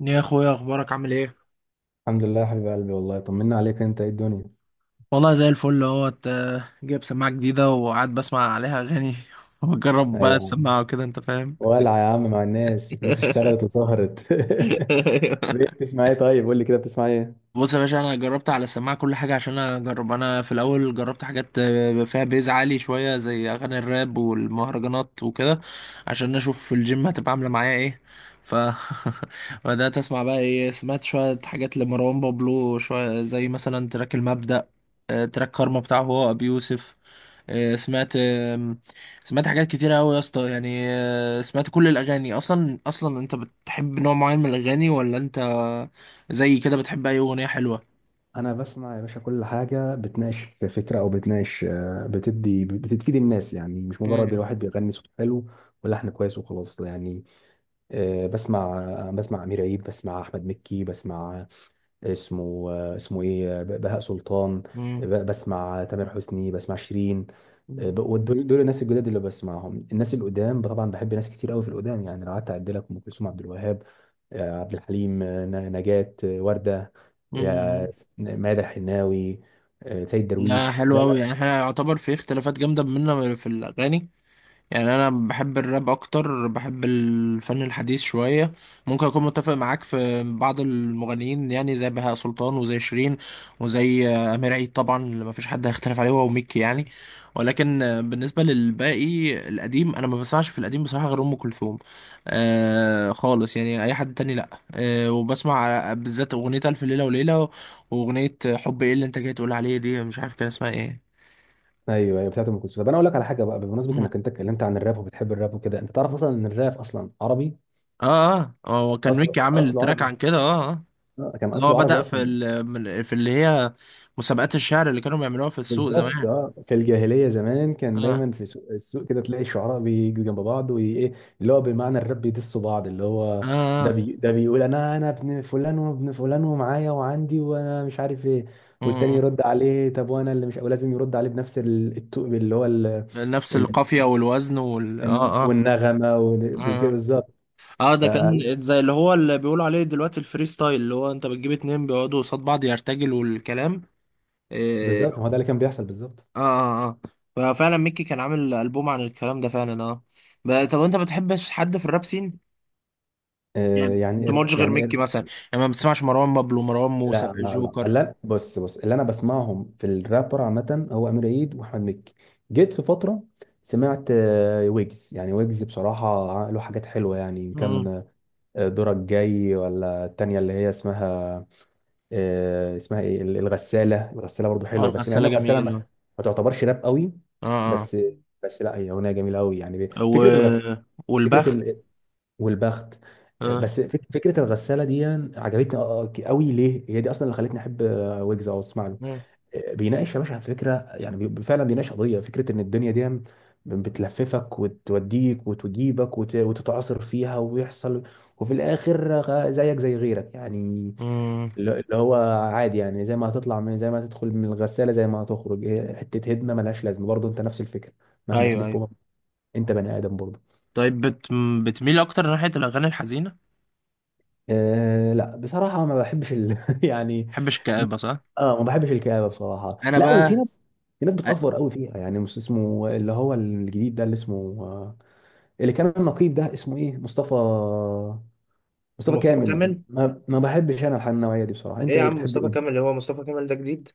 يا اخويا، اخبارك عامل ايه؟ الحمد لله يا حبيب قلبي، والله طمنا عليك. انت ايه الدنيا؟ والله زي الفل اهوت، جايب سماعه جديده وقاعد بسمع عليها اغاني وبجرب ايوه بقى يا عم. السماعه وكده، انت فاهم. ولع يا عم مع الناس، الفلوس اشتغلت وسهرت. ليه؟ بتسمع ايه؟ طيب قول لي كده، بتسمع ايه؟ بص يا باشا، انا جربت على السماعه كل حاجه عشان اجرب. انا في الاول جربت حاجات فيها بيز عالي شويه زي اغاني الراب والمهرجانات وكده، عشان اشوف في الجيم هتبقى عامله معايا ايه. ف بدات اسمع بقى ايه. سمعت شويه حاجات لمروان بابلو، شويه زي مثلا تراك المبدأ، تراك كارما بتاعه هو ابي يوسف. سمعت سمعت حاجات كتيرة أوي يا اسطى، يعني سمعت كل الأغاني. أصلا، أنت بتحب نوع معين من الأغاني، ولا أنت زي كده بتحب أي أغنية حلوة؟ انا بسمع يا باشا كل حاجه بتناقش فكره او بتناقش، بتدي، بتفيد الناس، يعني مش مجرد مم. الواحد بيغني صوت حلو ولحن كويس وخلاص يعني. آه، بسمع بسمع امير عيد، بسمع احمد مكي، بسمع اسمه اسمه ايه؟ بهاء سلطان. مم. بسمع تامر حسني، بسمع شيرين، مم. ودول الناس الجداد اللي بسمعهم. الناس القدام طبعا بحب ناس كتير قوي في القدام، يعني لو قعدت اعد لك: ام كلثوم، عبد الوهاب، عبد الحليم، نجاة، وردة، آه، مم. ماذا الحناوي، سيد لا، درويش، لا حلو لا. أوي يعني. احنا يعتبر في اختلافات جامدة بينا في الأغاني. يعني انا بحب الراب اكتر، بحب الفن الحديث شويه. ممكن اكون متفق معاك في بعض المغنيين، يعني زي بهاء سلطان وزي شيرين وزي امير عيد طبعا، اللي ما فيش حد هيختلف عليه هو وميكي يعني. ولكن بالنسبه للباقي القديم، انا ما بسمعش في القديم بصراحه غير ام كلثوم. آه، خالص يعني، اي حد تاني لا. آه، وبسمع بالذات اغنيه الف ليله وليله، واغنيه حب ايه اللي انت جاي تقول عليه دي، مش عارف كان اسمها ايه. ايوه ايوه بتاعت ام كلثوم. طب انا اقول لك على حاجه بقى، بمناسبه مم. انك انت اتكلمت عن الراب وبتحب الراب وكده، انت تعرف اصلا ان الراب اصلا عربي؟ اه اه، هو كان اصله ميكي عامل اصله تراك عربي، عن كده، اه. آه. كان اللي هو اصله عربي بدأ في اصلا. ال... من- في اللي هي مسابقات الشعر اللي كانوا بيعملوها في السوق بالظبط، زمان. اه، في الجاهليه زمان كان اه. دايما في سوق، كده تلاقي الشعراء بيجوا جنب بعض وايه، اللي هو بمعنى الرب بيدسوا بعض، اللي اه. هو ده اه. بي ده بيقول: انا ابن فلان وابن فلان، ومعايا وعندي، وانا مش عارف ايه. والتاني آه. يرد عليه: طب وانا اللي مش، ولازم يرد عليه بنفس التوق، اللي هو نفس ال... القافية والوزن وال اه اه والنغمه اه وكده، بالظبط. اه ف- ده كان زي اللي هو اللي بيقولوا عليه دلوقتي الفري ستايل، اللي هو انت بتجيب اتنين بيقعدوا قصاد بعض يرتجلوا الكلام. إيه. بالظبط، ما هو ده اللي كان بيحصل بالظبط. اه اه اه، ففعلا ميكي كان عامل ألبوم عن الكلام ده فعلا، اه. طب انت ما بتحبش حد في الراب سين؟ آه، يعني انت ما يعني قلتش غير ميكي يعني مثلا، يعني ما بتسمعش مروان بابلو مروان موسى لا لا لا جوكر؟ لا بص، اللي انا بسمعهم في الرابر عامه هو امير عيد واحمد مكي. جيت في فتره سمعت ويجز، يعني ويجز بصراحه له حاجات حلوه يعني، إن كان دورك جاي، ولا التانيه اللي هي اسمها اسمها ايه؟ الغساله. الغساله برضو اه، حلوه، بس مع ان الغسالة الغساله ما جميل، اه. ما تعتبرش راب قوي، اه. بس لا هي اغنيه جميله قوي يعني، آه. فكره الغساله، والبخت، فكره والبخت. اه. فكره الغساله دي عجبتني قوي. ليه؟ هي دي اصلا اللي خلتني احب ويجز او اسمع له. مم. بيناقش يا باشا فكره، يعني فعلا بيناقش قضيه فكره ان الدنيا دي بتلففك وتوديك وتجيبك وتتعاصر فيها ويحصل، وفي الاخر زيك زي غيرك يعني، مم. اللي هو عادي يعني، زي ما هتطلع من، زي ما هتدخل من الغساله زي ما هتخرج، هي حته هدمه ملهاش لازمه برضه، انت نفس الفكره، مهما ايوه تلف ايوه. انت بني ادم برضه. طيب بتميل اكتر ناحية الاغاني الحزينة؟ أه لا بصراحة ما بحبش يعني. محبش الكآبة، صح؟ اه ما بحبش الكآبة بصراحة انا لا. وفي بقى. ناس في ناس بتأفور قوي فيها يعني. مش اسمه، اللي هو الجديد ده، اللي اسمه آه، اللي كان النقيب، ده اسمه ايه؟ مصطفى، مصطفى مصطفى كامل. كامل؟ ما بحبش انا النوعية دي بصراحة. ايه انت يا ايه؟ عم، بتحب مصطفى ايه؟ كامل اللي هو مصطفى كامل ده جديد؟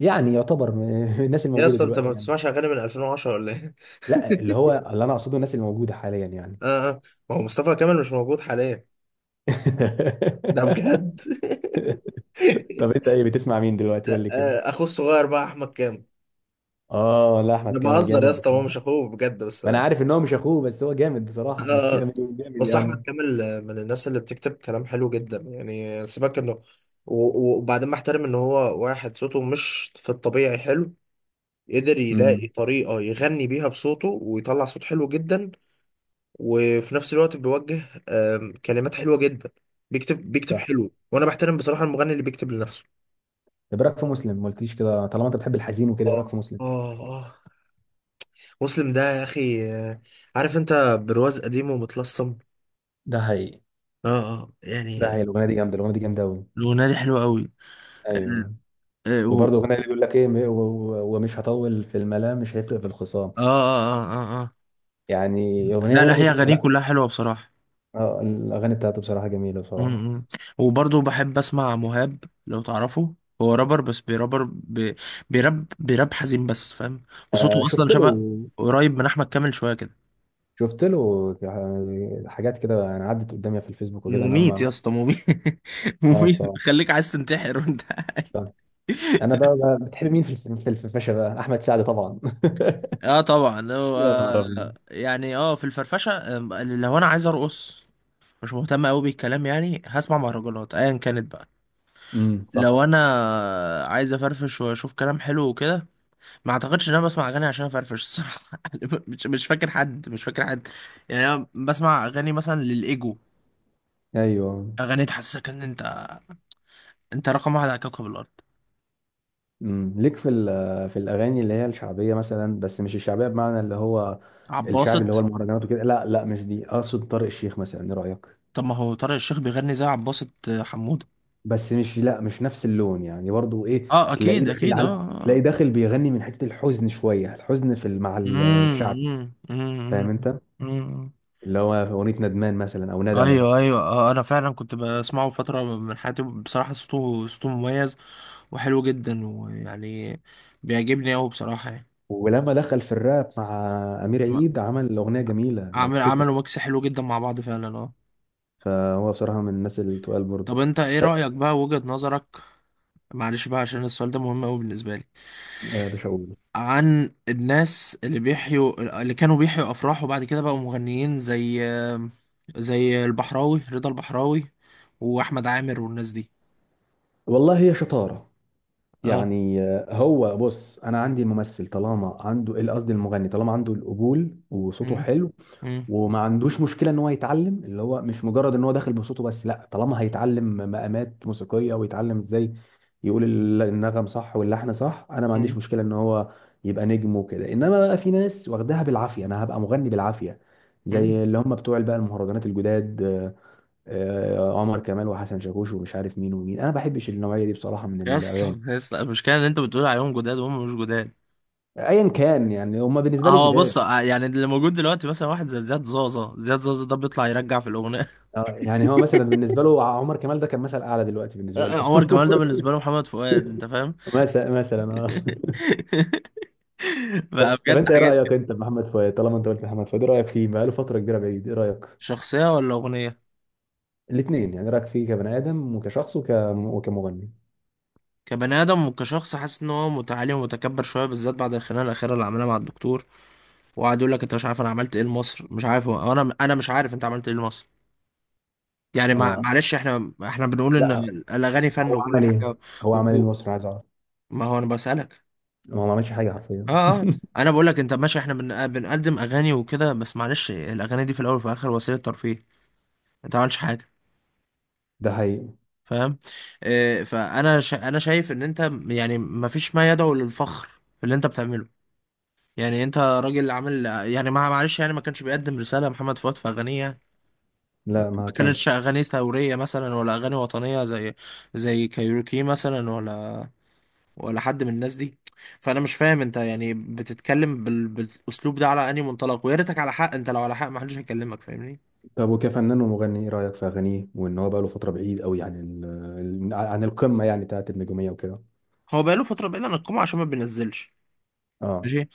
يعني يعتبر من الناس ايه، الموجودة اصلا انت ما دلوقتي يعني. بتسمعش اغاني من 2010 ولا ايه؟ لا، اللي هو اللي انا اقصده الناس الموجودة حاليا يعني. اه اه، ما هو مصطفى كامل مش موجود حاليا. ده بجد. طب انت ايه؟ بتسمع مين دلوقتي؟ قول لي كده. اخوه الصغير بقى احمد كامل. اه لا، احمد ده كامل بهزر يا جامد اسطى، هو بصراحة. مش اخوه بجد بس. ما انا عارف ان هو مش اخوه، بس هو جامد بصراحه، ما آه. ما تقول جامد بس احمد يعني. كامل من الناس اللي بتكتب كلام حلو جدا يعني، سيبك انه، وبعدين بحترم ان هو واحد صوته مش في الطبيعي حلو، قدر يلاقي امم. طريقة يغني بيها بصوته ويطلع صوت حلو جدا. وفي نفس الوقت بيوجه كلمات حلوة جدا. بيكتب طب حلو، وانا بحترم بصراحة المغني اللي بيكتب لنفسه. إيه رايك في مسلم؟ ما قلتليش كده، طالما انت بتحب الحزين وكده، ايه اه رايك في مسلم؟ اه اه، مسلم ده يا اخي، عارف انت، برواز قديم ومتلصم. ده حقيقي، اه اه يعني. هي الاغنيه دي جامده، الاغنيه دي جامده قوي. الاغنية دي حلوة ايوه. قوي. وبرضه اغنيه، اللي بيقول لك ايه: م- و- و- ومش هطول في الملام، مش هيفرق في الخصام، اه اه اه اه. آه. يعني اغنيه لا لا، برضه هي أغانيه لا. كلها حلوة بصراحة. الاغاني بتاعته بصراحه جميله بصراحه. امم. وبرضه بحب أسمع مهاب لو تعرفه. هو رابر، بس بيراب حزين بس، فاهم. آه وصوته أصلا شفت له، شبه قريب من أحمد كامل شوية كده. شفت له حاجات كده يعني، عدت قدامي في الفيسبوك وكده، انا مميت يا ما اسطى، مميت. ما مميت، بصراحه. خليك عايز تنتحر وانت قاعد. انا بتحب مين في في الفشة بقى؟ احمد سعد طبعا. اه طبعا، هو يا نهار ابيض. يعني اه، في الفرفشه، لو انا عايز ارقص، مش مهتم قوي بالكلام، يعني هسمع مهرجانات ايا كانت بقى. صح. لو انا عايز افرفش واشوف كلام حلو وكده، ما اعتقدش ان انا بسمع اغاني عشان افرفش الصراحه. يعني مش فاكر حد، مش فاكر حد. يعني انا بسمع اغاني مثلا للايجو، ايوه، اغاني تحسسك ان انت رقم واحد على كوكب الارض. امم، ليك في في الاغاني اللي هي الشعبيه مثلا، بس مش الشعبيه بمعنى اللي هو الشعبي اللي هو عباسط. المهرجانات وكده، لا مش دي اقصد، طارق الشيخ مثلا، ايه رايك؟ طب ما هو طارق الشيخ بيغني زي عباسط حمود. بس مش، لا مش نفس اللون يعني، برضو ايه، اه، اكيد اكيد، تلاقيه اه. داخل بيغني من حته الحزن شويه، الحزن في مع الشعبي، فاهم انت، امم. اللي هو في اغنيه ندمان مثلا او ندم. ايوه ايوه، انا فعلا كنت بسمعه فتره من حياتي بصراحه. صوته مميز وحلو جدا ويعني بيعجبني قوي بصراحه يعني. ولما دخل في الراب مع امير عيد، م- عمل اغنيه جميله لو تفتكر. عملوا ميكس حلو جدا مع بعض فعلا، اه. فهو بصراحه من الناس اللي تقال برضه. طب انت ايه طب رايك بقى، وجهه نظرك؟ معلش بقى، عشان السؤال ده مهم قوي بالنسبه لي. يا باشا اقول، عن الناس اللي كانوا بيحيوا افراح وبعد كده بقوا مغنيين، زي البحراوي، رضا البحراوي واحمد عامر والناس دي. والله هي شطاره، اه. يعني هو بص، انا عندي الممثل طالما عنده، قصدي المغني طالما عنده القبول وصوته مم. حلو مم. وما عندوش مشكله ان هو يتعلم، اللي هو مش مجرد ان هو داخل بصوته بس لا، طالما هيتعلم مقامات موسيقيه ويتعلم ازاي يقول النغم صح واللحن صح، انا ما عنديش مشكله ان هو يبقى نجم وكده. انما بقى في ناس واخداها بالعافيه: انا هبقى مغني بالعافيه، مم. زي اللي هم بتوع بقى المهرجانات الجداد، عمر كمال وحسن شاكوش ومش عارف مين ومين، انا ما بحبش النوعيه دي بصراحه من يا الاغاني. اسطى يا اسطى، المشكله ان انت بتقول عليهم جداد وهم مش جداد. ايا كان يعني، هم بالنسبه لي هو بص، جداد. يعني اللي موجود دلوقتي مثلا واحد زي زياد زازا. زياد زازا ده بيطلع يرجع في الاغنيه. يعني هو مثلا بالنسبه له عمر كمال ده كان مثل اعلى دلوقتي بالنسبه له. عمر كمال ده بالنسبه له محمد فؤاد، انت فاهم. مثلا اه. بقى طب بجد انت ايه حاجات رايك كده. انت بمحمد فؤاد؟ طالما انت قلت محمد فؤاد، ايه رايك فيه؟ بقاله فتره كبيره بعيد، ايه رايك؟ شخصيه ولا اغنيه؟ الاثنين يعني، إيه رايك فيه كبني ادم وكشخص وكمغني؟ كبني ادم وكشخص حاسس ان هو متعالي ومتكبر شويه، بالذات بعد الخناقه الاخيره اللي عملها مع الدكتور، وقعد يقول لك انت مش عارف انا عملت ايه لمصر، مش عارف. انا مش عارف انت عملت ايه لمصر. يعني مع- اه معلش احنا بنقول ان لا. الاغاني فن هو وكل عمل ايه؟ حاجه، هو عمل ايه لمصر؟ عايز اعرف. ما هو انا بسألك. هو ما عملش حاجه حرفيا. اه اه. انا بقول لك انت ماشي، احنا بنقدم اغاني وكده، بس معلش الاغاني دي في الاول وفي الاخر وسيله ترفيه. انت ما عملتش حاجه، ده حقيقي. فاهم. آه، فانا انا شايف ان انت يعني ما فيش ما يدعو للفخر في اللي انت بتعمله. يعني انت راجل عامل يعني، ما معلش يعني، ما كانش بيقدم رساله محمد فؤاد في اغانيه يعني، ما لا ما كانتش كانش. اغاني ثوريه مثلا ولا اغاني وطنيه زي كايروكي مثلا، ولا حد من الناس دي. فانا مش فاهم انت يعني بتتكلم بالاسلوب ده على انهي منطلق، ويا ريتك على حق، انت لو على حق ما حدش هيكلمك، فاهمني. طب وكفنان ومغني ايه رايك في اغانيه، وان هو بقاله فتره بعيد قوي عن عن القمه يعني بتاعت النجوميه وكده؟ هو بقاله فتره بعيد عن القمه عشان ما بينزلش، اه، ماشي.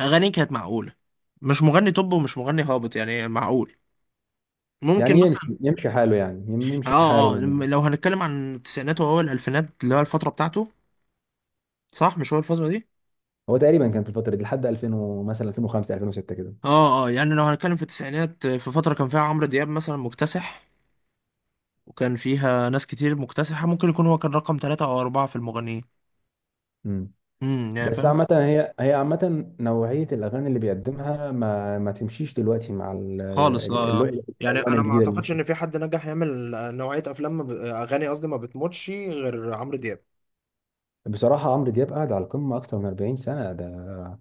اغانيه كانت معقوله، مش مغني توب ومش مغني هابط، يعني معقول، يعني ممكن يمشي مثلا. يمشي حاله، يعني يمشي حاله اه اه، لو. لو هنتكلم عن التسعينات واول الالفينات، اللي هو الفتره بتاعته. صح، مش هو الفتره دي؟ هو تقريبا كان في الفتره دي لحد 2000 مثلا 2005، 2006 كده. اه اه، يعني لو هنتكلم في التسعينات، في فتره كان فيها عمرو دياب مثلا مكتسح، وكان فيها ناس كتير مكتسحة، ممكن يكون هو كان رقم ثلاثة أو أربعة في المغنيين. مم. امم، يعني بس فاهم. عامة، هي عامة نوعية الأغاني اللي بيقدمها ما تمشيش دلوقتي مع خالص لا. ال- يعني الألوان انا ما الجديدة اللي اعتقدش ان مشيت. في حد نجح يعمل نوعية افلام، ما ب... اغاني قصدي، ما بتموتش غير عمرو دياب. بصراحة عمرو دياب قاعد على القمة أكتر من 40 سنة، ده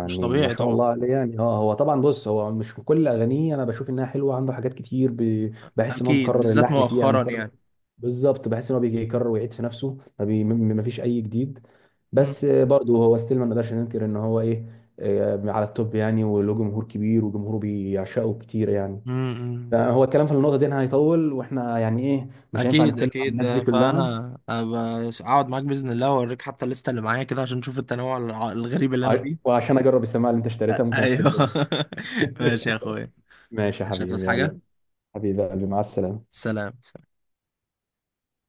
مش ما طبيعي شاء طبعا، الله عليه يعني. اه هو طبعا، بص هو مش كل أغانيه أنا بشوف إنها حلوة، عنده حاجات كتير بحس إن هو اكيد مكرر بالذات اللحن فيها، مؤخرا مكرر. يعني. بالظبط، بحس إن هو بيجي يكرر ويعيد في نفسه، ما, بي... ما ما فيش أي جديد. مم. بس برضه هو ستيل ما نقدرش ننكر إن هو إيه، على التوب يعني، وله جمهور كبير وجمهوره بيعشقه كتير يعني. مم. مم. ده هو الكلام في النقطة دي هيطول، واحنا يعني ايه، مش هينفع اكيد نتكلم عن الناس دي اكيد. كلها. فانا أبقى اقعد معاك باذن الله واوريك حتى الليسته اللي معايا كده، عشان تشوف التنوع الغريب اللي انا فيه. وعشان اجرب السماعه اللي انت اشتريتها ممكن ايوه. اشتري بيها. ماشي يا اخويا، ماشي يا مش هتعوز حبيبي، حاجه. يلا حبيبي قلبي، مع السلامه. سلام.